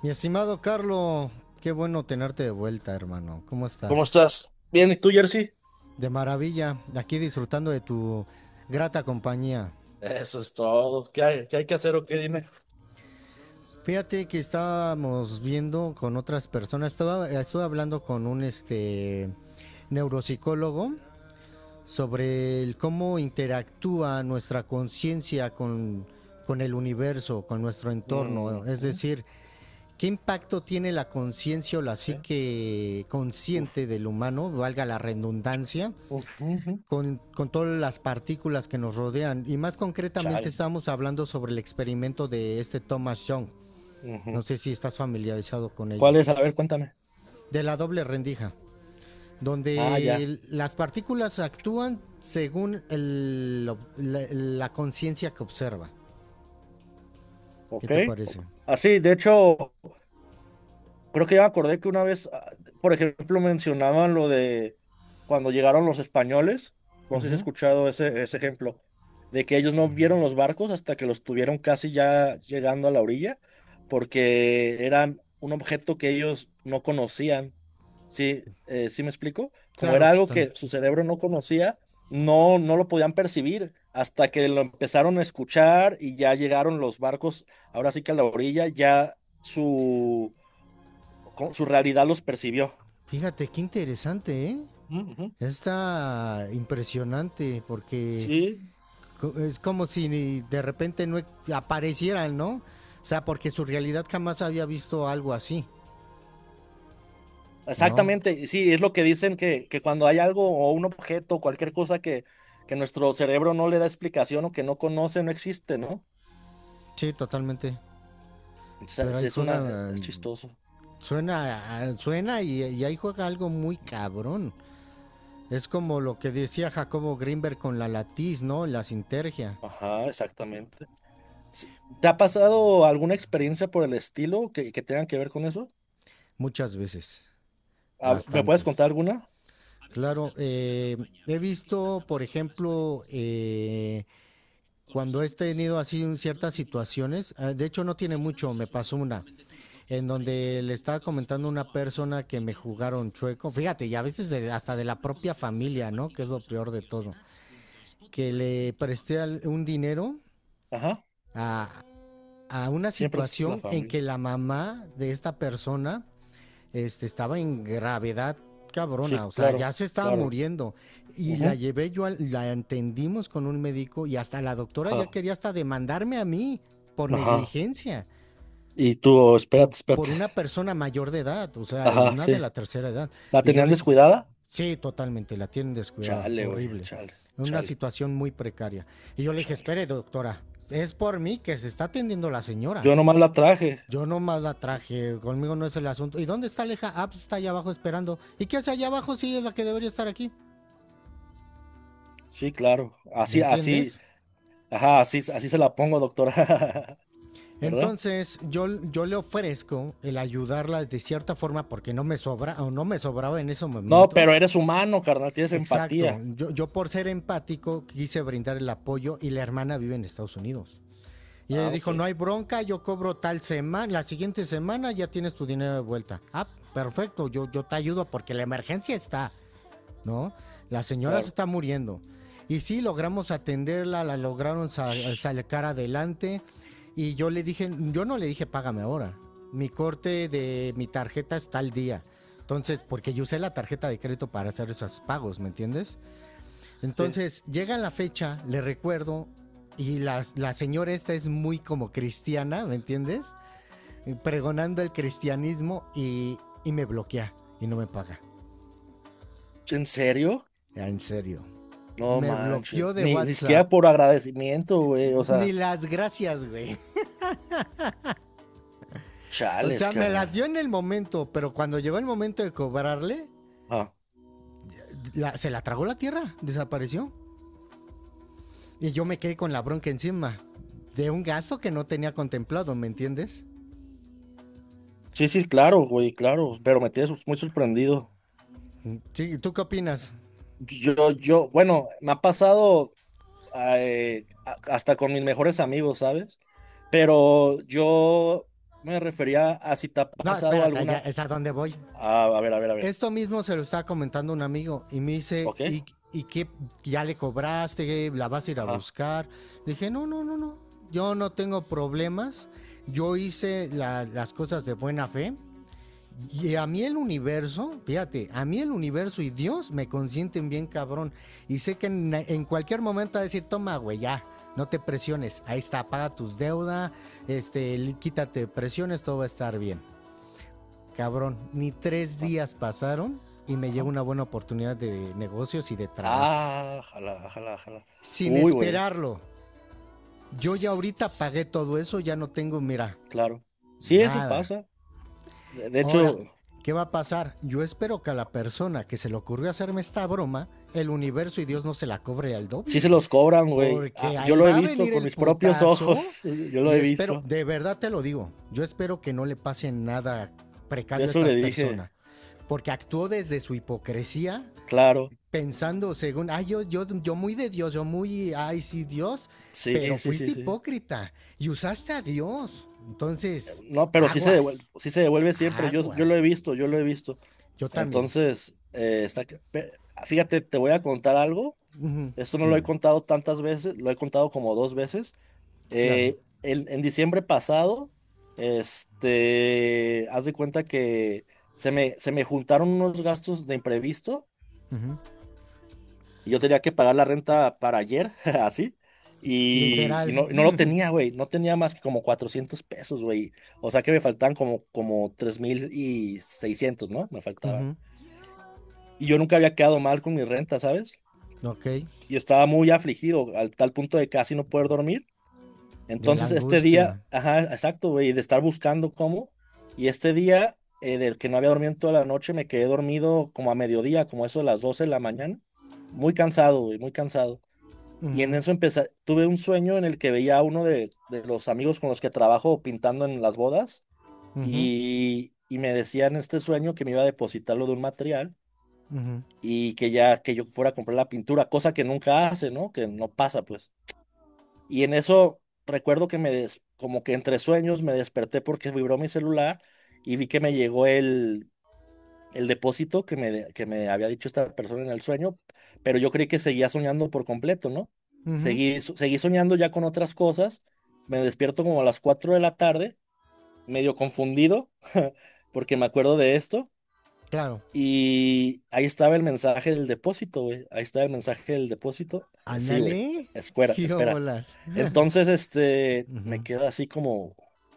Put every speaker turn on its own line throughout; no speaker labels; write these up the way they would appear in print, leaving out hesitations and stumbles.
Mi estimado Carlo, qué bueno tenerte de vuelta, hermano. ¿Cómo
¿Cómo
estás?
estás? Bien, ¿y tú, Jersey?
De maravilla, aquí disfrutando de tu grata compañía.
Eso es todo. ¿Qué hay que hacer o qué dime?
Fíjate que estábamos viendo con otras personas, estuve hablando con un neuropsicólogo sobre el cómo interactúa nuestra conciencia con el universo, con nuestro entorno. Es
Ujú.
decir, ¿qué impacto tiene la conciencia o la
¿Qué?
psique
Uf.
consciente del humano, valga la redundancia,
Uf, ujú.
con todas las partículas que nos rodean? Y más concretamente
Chale.
estamos hablando sobre el experimento de este Thomas Young. No
Ujú.
sé si estás familiarizado con
¿Cuál
ello.
es? A ver, cuéntame.
De la doble rendija,
Ah, ya.
donde las partículas actúan según la conciencia que observa. ¿Qué
Ok.
te
Ok.
parece?
Así, de hecho, creo que ya me acordé que una vez, por ejemplo, mencionaban lo de cuando llegaron los españoles. No sé si has
Ujú.
escuchado ese ejemplo, de que ellos no vieron los barcos hasta que los tuvieron casi ya llegando a la orilla, porque eran un objeto que ellos no conocían. Sí, sí me explico. Como
Claro,
era algo
total.
que su cerebro no conocía, no, no lo podían percibir hasta que lo empezaron a escuchar y ya llegaron los barcos, ahora sí que a la orilla, ya su, su realidad los percibió.
Fíjate, qué interesante, ¿eh?
Ujú, ujú.
Está impresionante porque
Sí,
es como si de repente aparecieran, ¿no? O sea, porque su realidad jamás había visto algo así, ¿no?
exactamente, y sí, es lo que dicen que, cuando hay algo o un objeto, cualquier cosa que, nuestro cerebro no le da explicación o que no conoce, no existe, ¿no?
Sí, totalmente. Pero
Es,
ahí
es una, eh,
juega,
es chistoso.
suena, suena y ahí juega algo muy cabrón. Es como lo que decía Jacobo Grinberg con la latiz, ¿no? La sinergia.
Ajá, exactamente. Sí. ¿Te ha pasado alguna experiencia por el estilo que, tenga que ver con eso?
Muchas veces,
¿Me puedes
bastantes.
contar alguna?
Claro, he visto, por ejemplo, cuando he tenido así ciertas situaciones, de hecho no tiene mucho, me pasó una, en donde le estaba comentando a una persona que me jugaron chueco. Fíjate, y a veces hasta de la propia familia, ¿no? Que es lo peor de todo. Que le presté un dinero
Ajá,
a, a una
siempre es la
situación en
familia.
que la mamá de esta persona estaba en gravedad
Sí,
cabrona, o sea,
claro,
ya se estaba
claro.
muriendo. Y la
Ujú.
llevé yo, la entendimos con un médico y hasta la doctora ya
Ajá,
quería hasta demandarme a mí por
ajá.
negligencia.
Y tú,
Por
espérate,
por, una
espérate.
persona mayor de edad, o sea, es
Ajá,
nada de
sí.
la tercera edad.
¿La
Y yo
tenían
le dije,
descuidada?
sí, totalmente, la tienen descuidada,
Chale, güey,
horrible,
chale,
en una
chale,
situación muy precaria. Y yo le dije,
chale.
espere, doctora, es por mí que se está atendiendo la señora.
Yo nomás la traje.
Yo nomás la traje, conmigo no es el asunto. ¿Y dónde está Aleja? Ah, pues está allá abajo esperando. ¿Y qué hace allá abajo si es la que debería estar aquí?
Sí, claro.
¿Me
Así, así,
entiendes?
ajá, así, así se la pongo, doctora. ¿Verdad?
Entonces, yo le ofrezco el ayudarla de cierta forma porque no me sobra o no me sobraba en ese
No,
momento.
pero eres humano, carnal, tienes
Exacto.
empatía.
Yo por ser empático quise brindar el apoyo y la hermana vive en Estados Unidos. Y ella
Ah, ok,
dijo, no hay bronca, yo cobro tal semana, la siguiente semana ya tienes tu dinero de vuelta. Ah, perfecto, yo te ayudo porque la emergencia está, ¿no? La señora se
claro.
está muriendo. Y sí, logramos atenderla, la lograron sacar adelante. Y yo le dije, yo no le dije, págame ahora. Mi corte de mi tarjeta está al día. Entonces, porque yo usé la tarjeta de crédito para hacer esos pagos, ¿me entiendes?
Sí.
Entonces, llega la fecha, le recuerdo, y la señora esta es muy como cristiana, ¿me entiendes? Pregonando el cristianismo y me bloquea y no me paga.
¿En serio?
Ah, en serio.
No
Me
manches.
bloqueó de
Ni
WhatsApp.
siquiera por agradecimiento, güey. O
Ni
sea,
las gracias, güey. O
chales,
sea, me las dio
carnal.
en el momento, pero cuando llegó el momento de cobrarle,
Ah,
se la tragó la tierra, desapareció. Y yo me quedé con la bronca encima de un gasto que no tenía contemplado, ¿me entiendes?
sí, sí, claro, güey, claro. Pero me tienes muy sorprendido.
Sí, ¿tú qué opinas?
Yo, bueno, me ha pasado hasta con mis mejores amigos, ¿sabes? Pero yo me refería a si te ha
No,
pasado
espérate, ya
alguna.
es a dónde voy.
Ah, a ver, a ver, a ver.
Esto mismo se lo estaba comentando un amigo y me dice,
¿Ok?
¿y qué? ¿Ya le cobraste? ¿La vas a ir a
Ajá.
buscar? Le dije, no, no, no, no. Yo no tengo problemas. Yo hice las cosas de buena fe. Y a mí el universo, fíjate, a mí el universo y Dios me consienten bien cabrón. Y sé que en cualquier momento va a decir, toma, güey, ya, no te presiones. Ahí está, paga tus deudas, quítate presiones, todo va a estar bien. Cabrón, ni tres
ah,
días pasaron y me llegó
Ajá.
una buena oportunidad de negocios y de trabajo.
Ah, jala, jala, jala.
Sin
Uy, güey.
esperarlo. Yo ya ahorita
S-
pagué todo eso, ya no tengo, mira,
Claro. Sí, eso
nada.
pasa. De
Ahora,
hecho,
¿qué va a pasar? Yo espero que a la persona que se le ocurrió hacerme esta broma, el universo y Dios no se la cobre al
sí
doble,
se
güey.
los cobran, güey. Ah,
Porque
yo
ahí
lo he
va a
visto
venir
con
el
mis propios
putazo
ojos. Yo lo
y
he
espero,
visto.
de verdad te lo digo, yo espero que no le pase nada
Yo
precario a
eso
estas
le dije,
personas. Porque actuó desde su hipocresía,
claro.
pensando según, ay, yo muy de Dios, yo muy, ay, sí, Dios, pero
Sí, sí, sí,
fuiste
sí.
hipócrita y usaste a Dios. Entonces,
No, pero
aguas,
sí se devuelve siempre. Yo lo
aguas,
he
güey.
visto, yo lo he visto.
Yo también.
Entonces, fíjate, te voy a contar algo.
Ujú.
Esto no lo he
Dime,
contado tantas veces, lo he contado como dos veces.
claro.
En diciembre pasado, haz de cuenta que se me juntaron unos gastos de imprevisto
Ujú.
y yo tenía que pagar la renta para ayer, así, y
Literal.
no, no lo tenía, güey, no tenía más que como 400 pesos, güey, o sea que me faltaban como 3.600, ¿no? Me faltaba.
Ujú.
Y yo nunca había quedado mal con mi renta, ¿sabes?
Ok,
Y estaba muy afligido, al tal punto de casi no poder dormir.
de la
Entonces este día,
angustia.
ajá, exacto, güey, de estar buscando cómo, y este día, del que no había dormido en toda la noche, me quedé dormido como a mediodía, como eso de las 12 de la mañana. Muy cansado, güey, muy cansado. Y en
Ujú,
eso empecé, tuve un sueño en el que veía a uno de los amigos con los que trabajo pintando en las bodas
ujú,
y me decía en este sueño que me iba a depositarlo de un material
ujú,
y que ya que yo fuera a comprar la pintura, cosa que nunca hace, ¿no? Que no pasa, pues. Y en eso recuerdo que como que entre sueños me desperté porque vibró mi celular y vi que me llegó el depósito que me había dicho esta persona en el sueño, pero yo creí que seguía soñando por completo, ¿no?
ujú.
Seguí soñando ya con otras cosas, me despierto como a las 4 de la tarde, medio confundido, porque me acuerdo de esto,
Claro.
y ahí estaba el mensaje del depósito, güey. Ahí estaba el mensaje del depósito. Sí, güey.
Ándale,
Espera,
qué
espera.
bolas.
Entonces, me
Ujú.
quedo así como,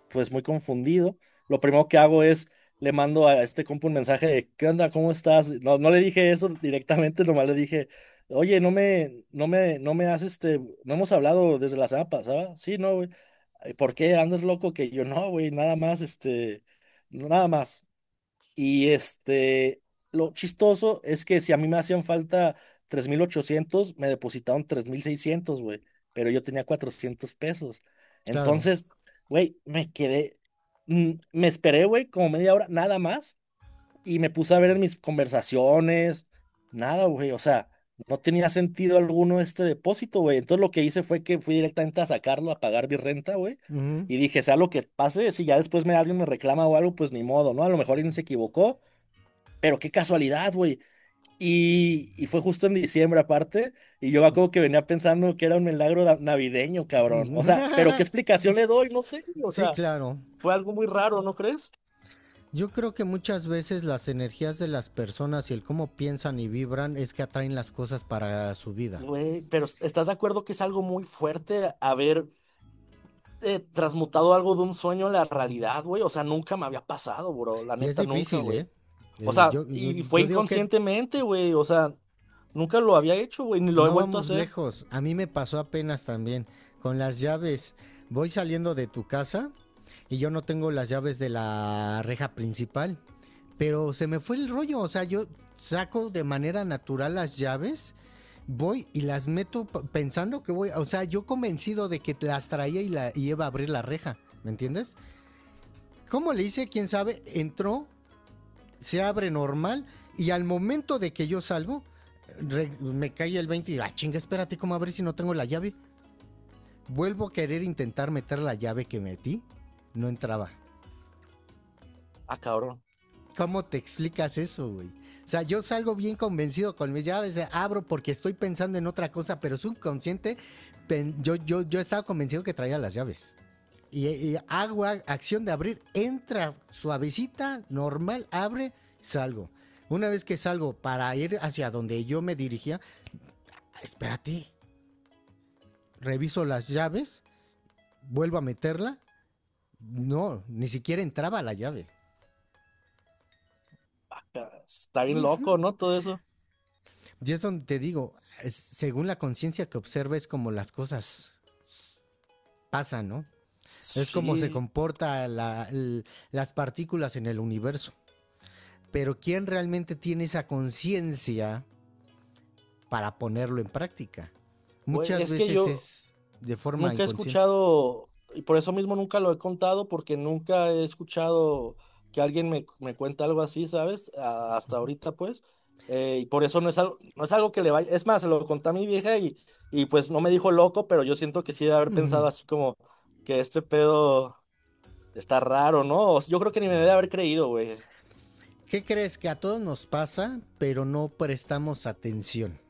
pues muy confundido. Lo primero que hago es, le mando a este compa un mensaje de, ¿qué onda? ¿Cómo estás? No, no le dije eso directamente, nomás le dije, oye, no me has, no hemos hablado desde la semana pasada. Sí, no, güey. "Ay, ¿por qué andas loco? Que yo no, güey, nada más, no, nada más. Y este, lo chistoso es que si a mí me hacían falta 3.800, me depositaron 3.600, güey, pero yo tenía 400 pesos.
Claro.
Entonces, güey, me quedé, me esperé, güey, como media hora, nada más, y me puse a ver en mis conversaciones, nada, güey, o sea, no tenía sentido alguno este depósito, güey. Entonces lo que hice fue que fui directamente a sacarlo, a pagar mi renta, güey.
Ujú,
Y dije, sea lo que pase, si ya después me alguien me reclama o algo, pues ni modo, ¿no? A lo mejor alguien se equivocó, pero qué casualidad, güey. Y fue justo en diciembre aparte, y yo como que venía pensando que era un milagro navideño, cabrón. O
ujú.
sea, pero ¿qué explicación le doy? No sé, o
Sí,
sea,
claro.
fue algo muy raro, ¿no crees?
Yo creo que muchas veces las energías de las personas y el cómo piensan y vibran es que atraen las cosas para su vida.
Güey, pero ¿estás de acuerdo que es algo muy fuerte haber transmutado algo de un sueño a la realidad, güey? O sea, nunca me había pasado, bro, la
Y es
neta, nunca,
difícil, ¿eh?
güey. O sea, y fue
Yo digo que es.
inconscientemente, güey, o sea, nunca lo había hecho, güey, ni lo he
No
vuelto a
vamos
hacer.
lejos. A mí me pasó apenas también con las llaves. Voy saliendo de tu casa y yo no tengo las llaves de la reja principal, pero se me fue el rollo. O sea, yo saco de manera natural las llaves, voy y las meto pensando que voy. O sea, yo convencido de que las traía y y iba a abrir la reja. ¿Me entiendes? ¿Cómo le hice? ¿Quién sabe? Entró, se abre normal y al momento de que yo salgo, me cae el 20 y digo, ah, chinga, espérate, ¿cómo abrir si no tengo la llave? Vuelvo a querer intentar meter la llave que metí, no entraba.
Ah, cabrón,
¿Cómo te explicas eso, güey? O sea, yo salgo bien convencido con mis llaves, abro porque estoy pensando en otra cosa, pero subconsciente, yo estaba convencido que traía las llaves. Y hago acción de abrir, entra suavecita, normal, abre, salgo. Una vez que salgo para ir hacia donde yo me dirigía, "Ah, espérate, reviso las llaves, vuelvo a meterla. No, ni siquiera entraba la llave."
está bien loco, ¿no? Todo eso.
Y es donde te digo, según la conciencia que observes, como las cosas pasan, ¿no? Es como se
Sí,
comporta las partículas en el universo. Pero ¿quién realmente tiene esa conciencia para ponerlo en práctica?
güey,
Muchas
es que
veces
yo
es de forma
nunca he
inconsciente.
escuchado, y por eso mismo nunca lo he contado, porque nunca he escuchado que alguien me cuente algo así, ¿sabes? Hasta ahorita, pues. Y por eso no es algo, que le vaya. Es más, se lo conté a mi vieja y pues no me dijo loco, pero yo siento que sí de haber pensado
¿Qué
así como que este pedo está raro, ¿no? O sea, yo creo que ni me debe haber creído, güey.
crees que a todos nos pasa, pero no prestamos atención?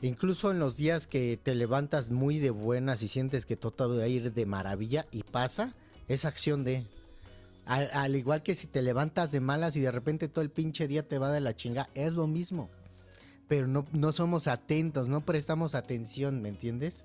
Incluso en los días que te levantas muy de buenas y sientes que todo va a ir de maravilla y pasa, es acción de... Al, al igual que si te levantas de malas y de repente todo el pinche día te va de la chinga, es lo mismo. Pero no, no somos atentos, no prestamos atención, ¿me entiendes?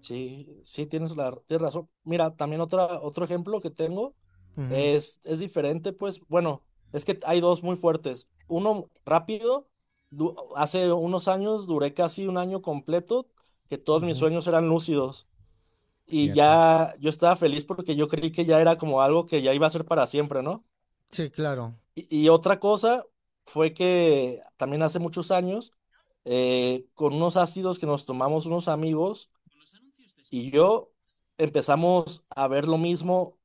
Sí, sí, tienes la, tienes razón. Mira, también otra, otro ejemplo que tengo.
Ujú,
Es diferente, pues, bueno, es que hay dos muy fuertes. Uno rápido, hace unos años duré casi un año completo que todos mis
ujú,
sueños eran lúcidos y
fíjate.
ya yo estaba feliz porque yo creí que ya era como algo que ya iba a ser para siempre, ¿no?
Sí, claro.
Y otra cosa fue que también hace muchos años, con unos ácidos que nos tomamos unos amigos y yo empezamos a ver lo mismo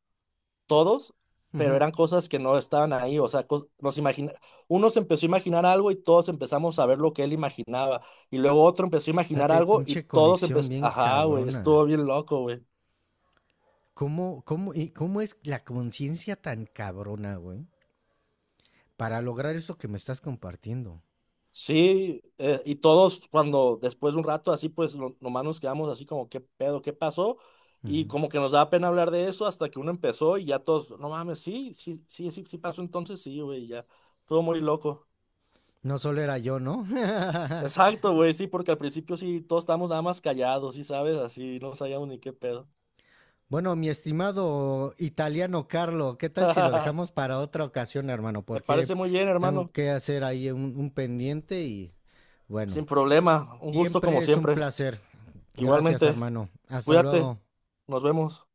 todos, pero
Ujú.
eran cosas que no estaban ahí, o sea, nos imagina, uno se empezó a imaginar algo y todos empezamos a ver lo que él imaginaba, y luego otro empezó a imaginar
Fíjate,
algo y
pinche
todos
conexión
empezó,
bien
ajá, güey,
cabrona.
estuvo bien loco, güey.
¿Y cómo es la conciencia tan cabrona, güey? Para lograr eso que me estás compartiendo.
Sí, y todos cuando después de un rato así, pues nomás nos quedamos así como, ¿qué pedo? ¿Qué pasó? Y
Ujú.
como que nos daba pena hablar de eso hasta que uno empezó y ya todos, no mames, sí, sí, sí, sí, sí pasó entonces, sí, güey, ya, todo muy loco.
No solo era yo, ¿no?
Exacto, güey, sí, porque al principio sí, todos estábamos nada más callados, sí, sabes, así, no sabíamos ni qué pedo.
Bueno, mi estimado italiano Carlo, ¿qué tal si lo dejamos para otra ocasión, hermano?
Me
Porque
parece muy bien,
tengo
hermano.
que hacer ahí un pendiente y bueno,
Sin problema, un gusto como
siempre es un
siempre.
placer. Gracias,
Igualmente,
hermano. Hasta
cuídate,
luego.
nos vemos.